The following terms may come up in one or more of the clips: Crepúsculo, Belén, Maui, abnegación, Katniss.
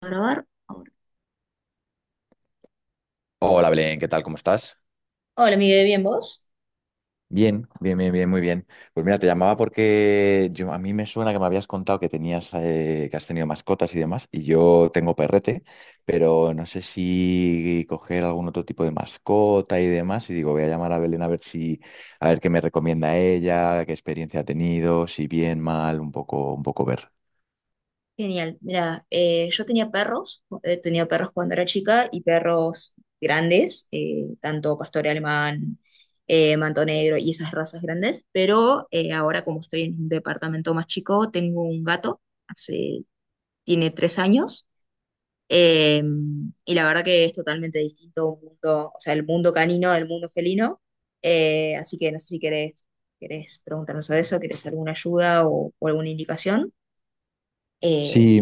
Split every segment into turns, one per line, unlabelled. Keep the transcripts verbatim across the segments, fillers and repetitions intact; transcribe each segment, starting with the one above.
Grabar ahora.
Hola Belén, ¿qué tal? ¿Cómo estás?
Hola, Miguel, ¿bien vos?
Bien, bien, bien, bien, muy bien. Pues mira, te llamaba porque yo a mí me suena que me habías contado que tenías, eh, que has tenido mascotas y demás, y yo tengo perrete, pero no sé si coger algún otro tipo de mascota y demás, y digo, voy a llamar a Belén a ver si, a ver qué me recomienda ella, qué experiencia ha tenido, si bien, mal, un poco, un poco ver.
Genial. Mira, eh, yo tenía perros, eh, tenía perros cuando era chica y perros grandes, eh, tanto pastor alemán, eh, manto negro y esas razas grandes, pero eh, ahora como estoy en un departamento más chico, tengo un gato, hace, tiene tres años. Eh, y la verdad que es totalmente distinto un mundo, o sea, el mundo canino del mundo felino. Eh, así que no sé si querés, querés preguntarnos sobre eso, querés alguna ayuda o, o alguna indicación. Eh,
Sí,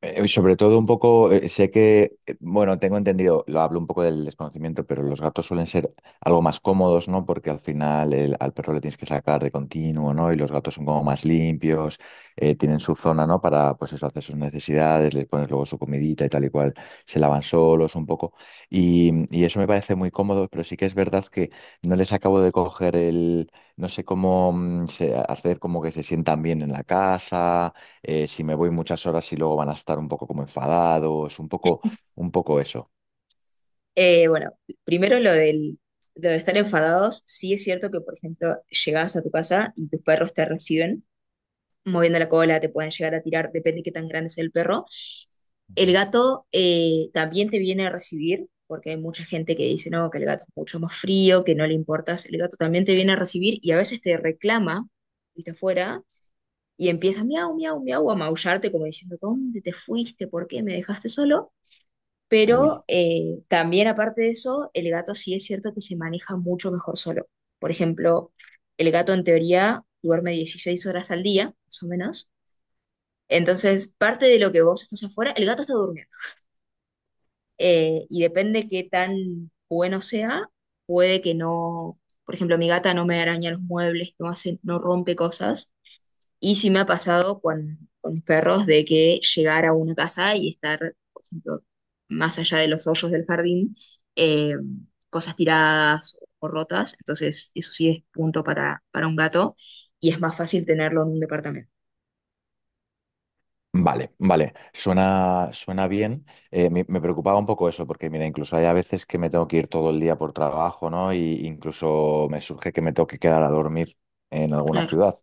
eh, sobre todo un poco, eh, sé que, eh, bueno, tengo entendido, lo hablo un poco del desconocimiento, pero los gatos suelen ser algo más cómodos, ¿no? Porque al final el- al perro le tienes que sacar de continuo, ¿no? Y los gatos son como más limpios, eh, tienen su zona, ¿no? Para, pues eso, hacer sus necesidades, les pones luego su comidita y tal y cual, se lavan solos un poco. Y, y eso me parece muy cómodo, pero sí que es verdad que no les acabo de coger el, no sé cómo mm, se- hacer como que se sientan bien en la casa eh, si me voy muchas horas y luego van a estar un poco como enfadados, un poco, un poco eso.
eh, bueno, primero lo del, lo de estar enfadados, sí es cierto que, por ejemplo, llegás a tu casa y tus perros te reciben moviendo la cola, te pueden llegar a tirar, depende de qué tan grande es el perro.
Ujú.
El gato, eh, también te viene a recibir, porque hay mucha gente que dice, no, que el gato es mucho más frío, que no le importas. El gato también te viene a recibir y a veces te reclama, viste afuera, y empieza miau, miau, miau a maullarte como diciendo, ¿dónde te fuiste? ¿Por qué me dejaste solo?
Uy.
Pero eh, también aparte de eso, el gato sí es cierto que se maneja mucho mejor solo. Por ejemplo, el gato en teoría duerme dieciséis horas al día, más o menos. Entonces, parte de lo que vos estás afuera, el gato está durmiendo. eh, y depende qué tan bueno sea, puede que no, por ejemplo, mi gata no me araña los muebles, no hace, no rompe cosas. Y sí me ha pasado con, con mis perros de que llegar a una casa y estar, por ejemplo, más allá de los hoyos del jardín, eh, cosas tiradas o rotas. Entonces, eso sí es punto para, para un gato y es más fácil tenerlo en un departamento.
Vale, vale, suena, suena bien. Eh, me, me preocupaba un poco eso, porque mira, incluso hay a veces que me tengo que ir todo el día por trabajo, ¿no? Y incluso me surge que me tengo que quedar a dormir en alguna
Claro,
ciudad.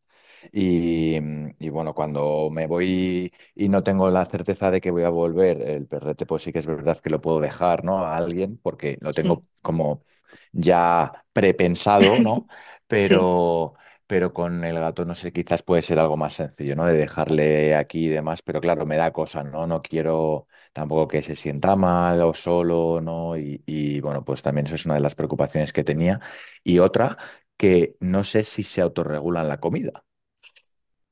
Y, mm, y bueno, cuando me voy y no tengo la certeza de que voy a volver, el perrete, pues sí que es verdad que lo puedo dejar, ¿no? A alguien, porque lo
sí,
tengo como ya prepensado, ¿no?
sí.
Pero con el gato, no sé, quizás puede ser algo más sencillo, ¿no? De dejarle aquí y demás, pero claro, me da cosa, ¿no? No quiero tampoco que se sienta mal o solo, ¿no? Y, y, bueno, pues también eso es una de las preocupaciones que tenía. Y otra, que no sé si se autorregulan la comida.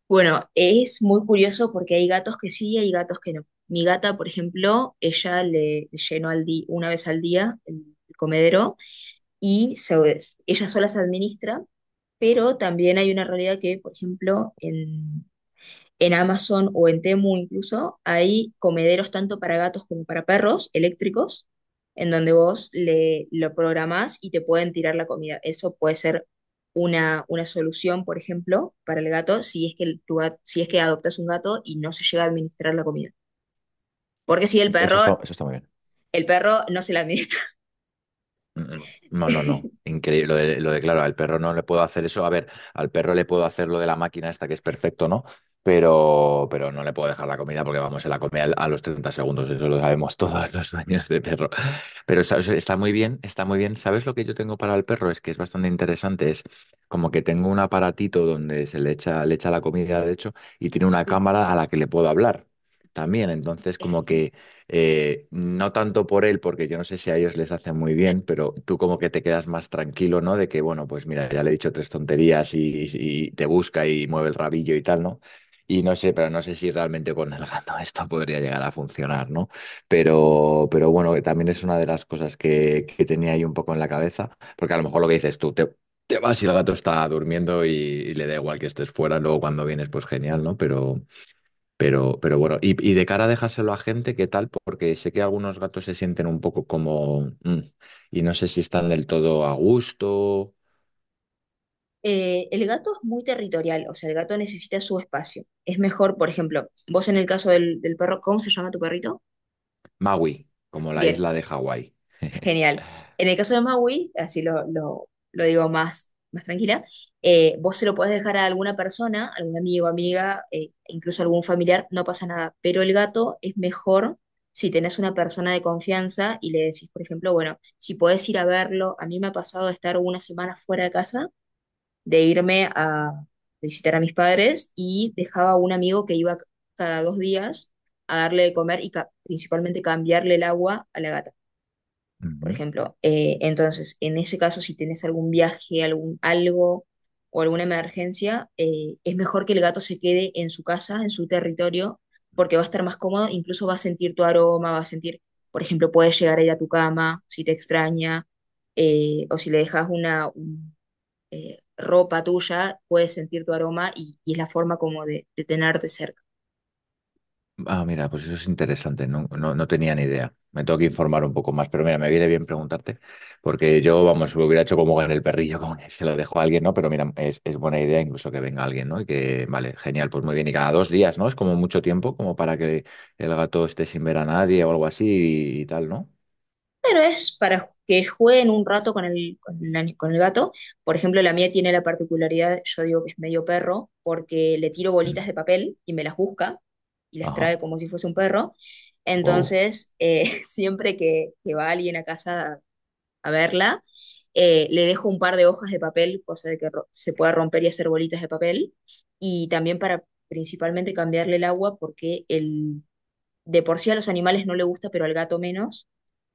Bueno, es muy curioso porque hay gatos que sí y hay gatos que no. Mi gata, por ejemplo, ella le llenó al di- una vez al día el comedero y se- ella sola se administra, pero también hay una realidad que, por ejemplo, en Amazon o en Temu incluso, hay comederos tanto para gatos como para perros eléctricos, en donde vos le, lo programás y te pueden tirar la comida. Eso puede ser una, una solución, por ejemplo, para el gato, si es que el- tu gat- si es que adoptas un gato y no se llega a administrar la comida. Porque si el
Eso
perro,
está, eso está muy bien.
el perro no se la administra.
Mm, mm, no, no, no. Increíble. Lo de, lo de, claro, al perro no le puedo hacer eso. A ver, al perro le puedo hacer lo de la máquina esta que es perfecto, ¿no? Pero, pero no le puedo dejar la comida porque vamos, se la come al- a los treinta segundos. Eso lo sabemos todos los dueños de perro. Pero está, o sea, está muy bien, está muy bien. ¿Sabes lo que yo tengo para el perro? Es que es bastante interesante. Es como que tengo un aparatito donde se le echa, le echa la comida, de hecho, y tiene una
Sí.
cámara a la que le puedo hablar también. Entonces, como que eh, no tanto por él, porque yo no sé si a ellos les hace muy bien, pero tú como que te quedas más tranquilo, ¿no? De que, bueno, pues mira, ya le he dicho tres tonterías y, y te busca y mueve el rabillo y tal, ¿no? Y no sé, pero no sé si realmente con el gato esto podría llegar a funcionar, ¿no? Pero, pero bueno, que también es una de las cosas que, que tenía ahí un poco en la cabeza, porque a lo mejor lo que dices tú, te, te vas y el gato está durmiendo y, y le da igual que estés fuera, luego cuando vienes, pues genial, ¿no? Pero, pero, pero bueno, y, y de cara a dejárselo a gente, ¿qué tal? Porque sé que algunos gatos se sienten un poco como, "Mm", y no sé si están del todo a gusto.
Eh, el gato es muy territorial, o sea, el gato necesita su espacio. Es mejor, por ejemplo, vos en el caso del, del perro, ¿cómo se llama tu perrito?
Maui, como la
Bien.
isla de Hawái.
Genial. En el caso de Maui, así lo, lo, lo digo más, más tranquila, eh, vos se lo podés dejar a alguna persona, algún amigo, amiga, eh, incluso algún familiar, no pasa nada. Pero el gato es mejor si tenés una persona de confianza y le decís, por ejemplo, bueno, si podés ir a verlo, a mí me ha pasado de estar una semana fuera de casa, de irme a visitar a mis padres y dejaba a un amigo que iba cada dos días a darle de comer y ca- principalmente cambiarle el agua a la gata por ejemplo. Eh, entonces, en ese caso, si tienes algún viaje, algún algo o alguna emergencia, eh, es mejor que el gato se quede en su casa, en su territorio, porque va a estar más cómodo, incluso va a sentir tu aroma, va a sentir, por ejemplo, puedes llegar a ir a tu cama si te extraña, eh, o si le dejas una un- ropa tuya, puede sentir tu aroma y, y es la forma como de, de tenerte cerca.
Ah, mira, pues eso es interesante, no, no, no tenía ni idea. Me tengo que informar un poco más, pero mira, me viene bien preguntarte, porque yo, vamos, lo hubiera hecho como con el perrillo, como que se lo dejo a alguien, ¿no? Pero mira, es, es buena idea incluso que venga alguien, ¿no? Y que, vale, genial, pues muy bien, y cada dos días, ¿no? Es como mucho tiempo, como para que el gato esté sin ver a nadie o algo así y, y tal, ¿no?
Pero es para que jueguen un rato con el, con el ani- con el gato. Por ejemplo, la mía tiene la particularidad, yo digo que es medio perro, porque le tiro
Mm.
bolitas de papel y me las busca y las
Ajá,
trae como si fuese un perro.
wow,
Entonces, eh, siempre que, que va alguien a casa a, a verla, eh, le dejo un par de hojas de papel, cosa de que ro- se pueda romper y hacer bolitas de papel. Y también para principalmente cambiarle el agua, porque el, de por sí a los animales no le gusta, pero al gato menos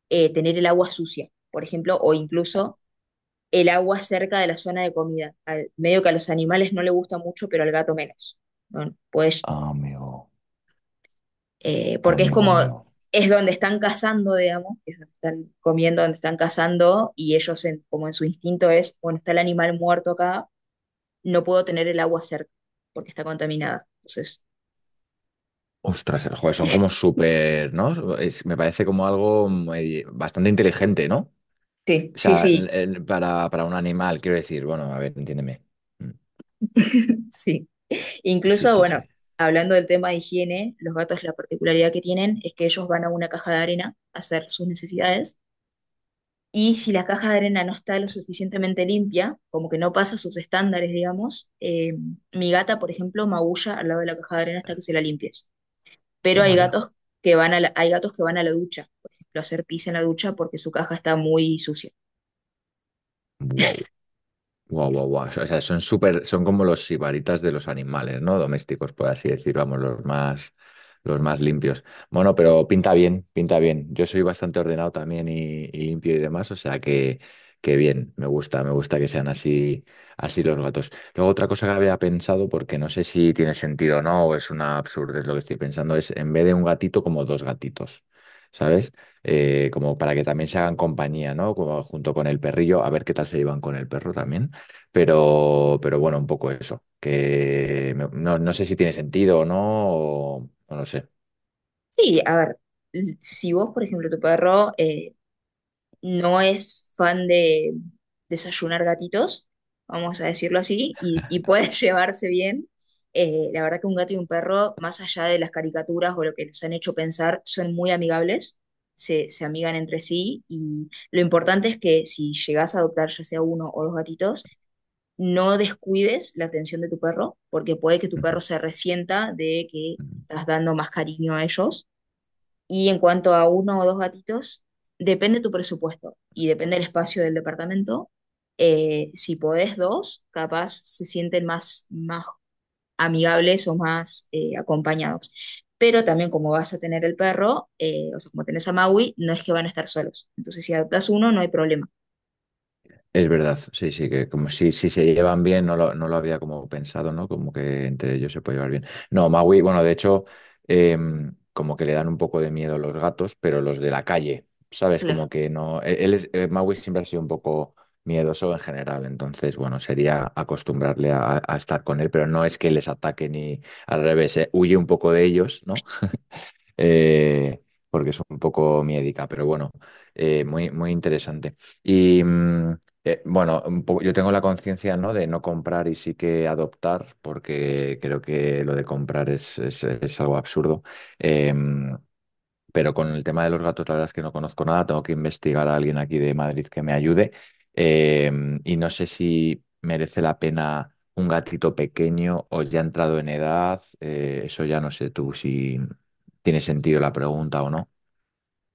eh, tener el agua sucia, por ejemplo, o incluso el agua cerca de la zona de comida. Al- medio que a los animales no le gusta mucho, pero al gato menos. Bueno, pues,
amigo,
eh, porque es
amigo,
como,
amigo.
es donde están cazando, digamos, es donde están comiendo, donde están cazando, y ellos en- como en su instinto es, bueno, está el animal muerto acá, no puedo tener el agua cerca, porque está contaminada. Entonces,
Ostras, el juego son como súper, ¿no? Es- me parece como algo eh, bastante inteligente, ¿no?
sí,
O
sí,
sea, el-
sí,
el- para, para un animal, quiero decir, bueno, a ver, entiéndeme. Mm,
sí.
sí,
Incluso,
sí, sí.
bueno, hablando del tema de higiene, los gatos la particularidad que tienen es que ellos van a una caja de arena a hacer sus necesidades y si la caja de arena no está lo suficientemente limpia, como que no pasa sus estándares, digamos, eh, mi gata, por ejemplo, maulla al lado de la caja de arena hasta que se la limpies. Pero hay
Toma ya.
gatos que van a la, hay gatos que van a la ducha, por ejemplo, a hacer pis en la ducha porque su caja está muy sucia.
Wow. Guau, guau, guau. O sea, son súper, son como los sibaritas de los animales, ¿no? Domésticos, por así decir, vamos, los más, los más limpios. Bueno, pero pinta bien, pinta bien. Yo soy bastante ordenado también y, y limpio y demás, o sea que, que bien, me gusta, me gusta que sean así, así los gatos. Luego otra cosa que había pensado, porque no sé si tiene sentido o no, o es una absurdez lo que estoy pensando, es en vez de un gatito, como dos gatitos. ¿Sabes? Eh, como para que también se hagan compañía, ¿no? Como junto con el perrillo, a ver qué tal se llevan con el perro también. Pero, pero bueno, un poco eso, que me- no, no sé si tiene sentido o no, o, o no lo sé.
Sí, a ver, si vos, por ejemplo, tu perro... eh, no es fan de desayunar gatitos, vamos a decirlo así, y, y pueden llevarse bien. Eh, la verdad que un gato y un perro, más allá de las caricaturas o lo que nos han hecho pensar, son muy amigables, se, se amigan entre sí y lo importante es que si llegas a adoptar ya sea uno o dos gatitos, no descuides la atención de tu perro, porque puede que tu perro se resienta de que
Ujú.
estás dando más cariño a ellos y en cuanto a uno o dos gatitos, depende tu presupuesto y depende el espacio del departamento. Eh, si podés dos, capaz se sienten más, más amigables o más eh, acompañados. Pero también como vas a tener el perro, eh, o sea, como tenés a Maui, no es que van a estar solos. Entonces, si adoptas uno, no hay problema.
Es verdad, sí, sí, que como si, si se llevan bien, no lo, no lo había como pensado, ¿no? Como que entre ellos se puede llevar bien. No, Maui, bueno, de hecho, em, como que le dan un poco de miedo los gatos, pero los de la calle, ¿sabes?
Claro.
Como que no. e- Él es- eh, Maui siempre ha sido un poco miedoso en general, entonces, bueno, sería acostumbrarle a, a estar con él, pero no es que les ataque ni al revés, eh, huye un poco de ellos, ¿no? eh, porque es un poco miedica, pero bueno, eh, muy, muy interesante. Y mm, eh, bueno, un poco- yo tengo la conciencia, ¿no? De no comprar y sí que adoptar, porque creo que lo de comprar es, es- es algo absurdo. Em, pero con el tema de los gatos, la verdad es que no conozco nada. Tengo que investigar a alguien aquí de Madrid que me ayude. Eh, y no sé si merece la pena un gatito pequeño o ya entrado en edad. Eh, eso ya no sé tú si tiene sentido la pregunta o no.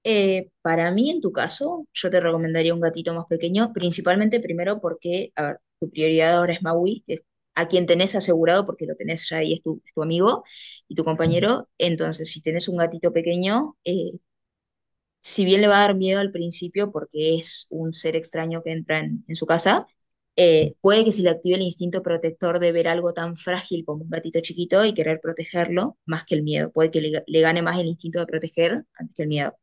Eh, para mí, en tu caso, yo te recomendaría un gatito más pequeño, principalmente primero porque, a ver, tu prioridad ahora es Maui, que es a quien tenés asegurado, porque lo tenés ya ahí, es tu, es tu amigo y tu
Ujú.
compañero. Entonces, si tenés un gatito pequeño, eh, si bien le va a dar miedo al principio porque es un ser extraño que entra en, en su casa, eh, puede que se le active el instinto protector de ver algo tan frágil como un gatito chiquito y querer protegerlo más que el miedo. Puede que le le gane más el instinto de proteger antes que el miedo.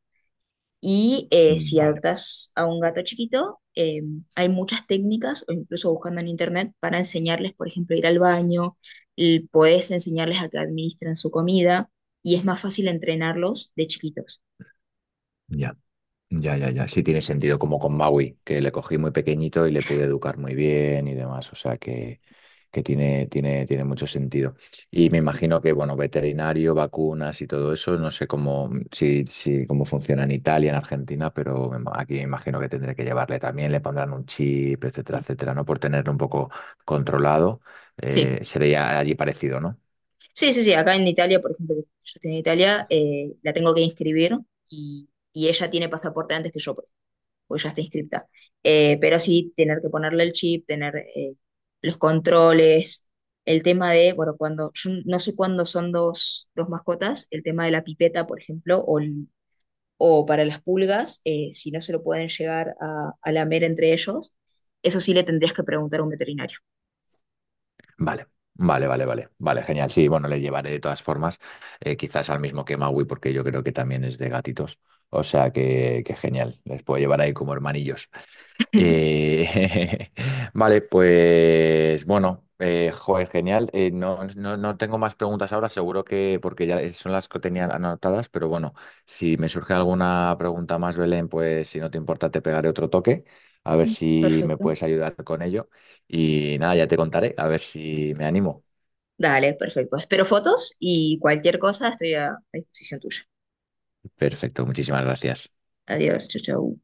Y eh, si
Vale,
adoptas a un gato chiquito, eh, hay muchas técnicas, o incluso buscando en internet, para enseñarles, por ejemplo, a ir al baño, y puedes enseñarles a que administren su comida, y es más fácil entrenarlos de chiquitos.
ya. Ya, ya, ya. Sí tiene sentido, como con Maui, que le cogí muy pequeñito y le pude educar muy bien y demás. O sea que, que tiene, tiene, tiene mucho sentido. Y me imagino que, bueno, veterinario, vacunas y todo eso, no sé cómo, si, si, cómo funciona en Italia, en Argentina, pero me ima- aquí me imagino que tendré que llevarle también, le pondrán un chip, etcétera,
Sí.
etcétera, ¿no? Por tenerlo un poco controlado. eh,
Sí,
sería allí parecido, ¿no?
sí, sí, sí. Acá en Italia, por ejemplo, yo estoy en Italia, eh, la tengo que inscribir y, y ella tiene pasaporte antes que yo. Pues ya está inscripta. Eh, pero sí, tener que ponerle el chip, tener eh, los controles, el tema de, bueno, cuando, yo no sé cuándo son dos, dos mascotas, el tema de la pipeta, por ejemplo, o, el- o para las pulgas, eh, si no se lo pueden llegar a, a, lamer entre ellos, eso sí le tendrías que preguntar a un veterinario.
Vale, vale, vale, vale, vale, genial. Sí, bueno, le llevaré de todas formas, eh, quizás al mismo que Maui, porque yo creo que también es de gatitos. O sea que, que genial, les puedo llevar ahí como hermanillos. Eh, vale, pues bueno, eh, joder, genial. Eh, no, no, no tengo más preguntas ahora, seguro que porque ya son las que tenía anotadas, pero bueno, si me surge alguna pregunta más, Belén, pues si no te importa, te pegaré otro toque, a ver
Mm.
si me
Perfecto.
puedes ayudar con ello. Y nada, ya te contaré, a ver si me animo.
Dale, perfecto. Espero fotos y cualquier cosa estoy a a disposición tuya.
Perfecto, muchísimas gracias.
Adiós, chau, chau.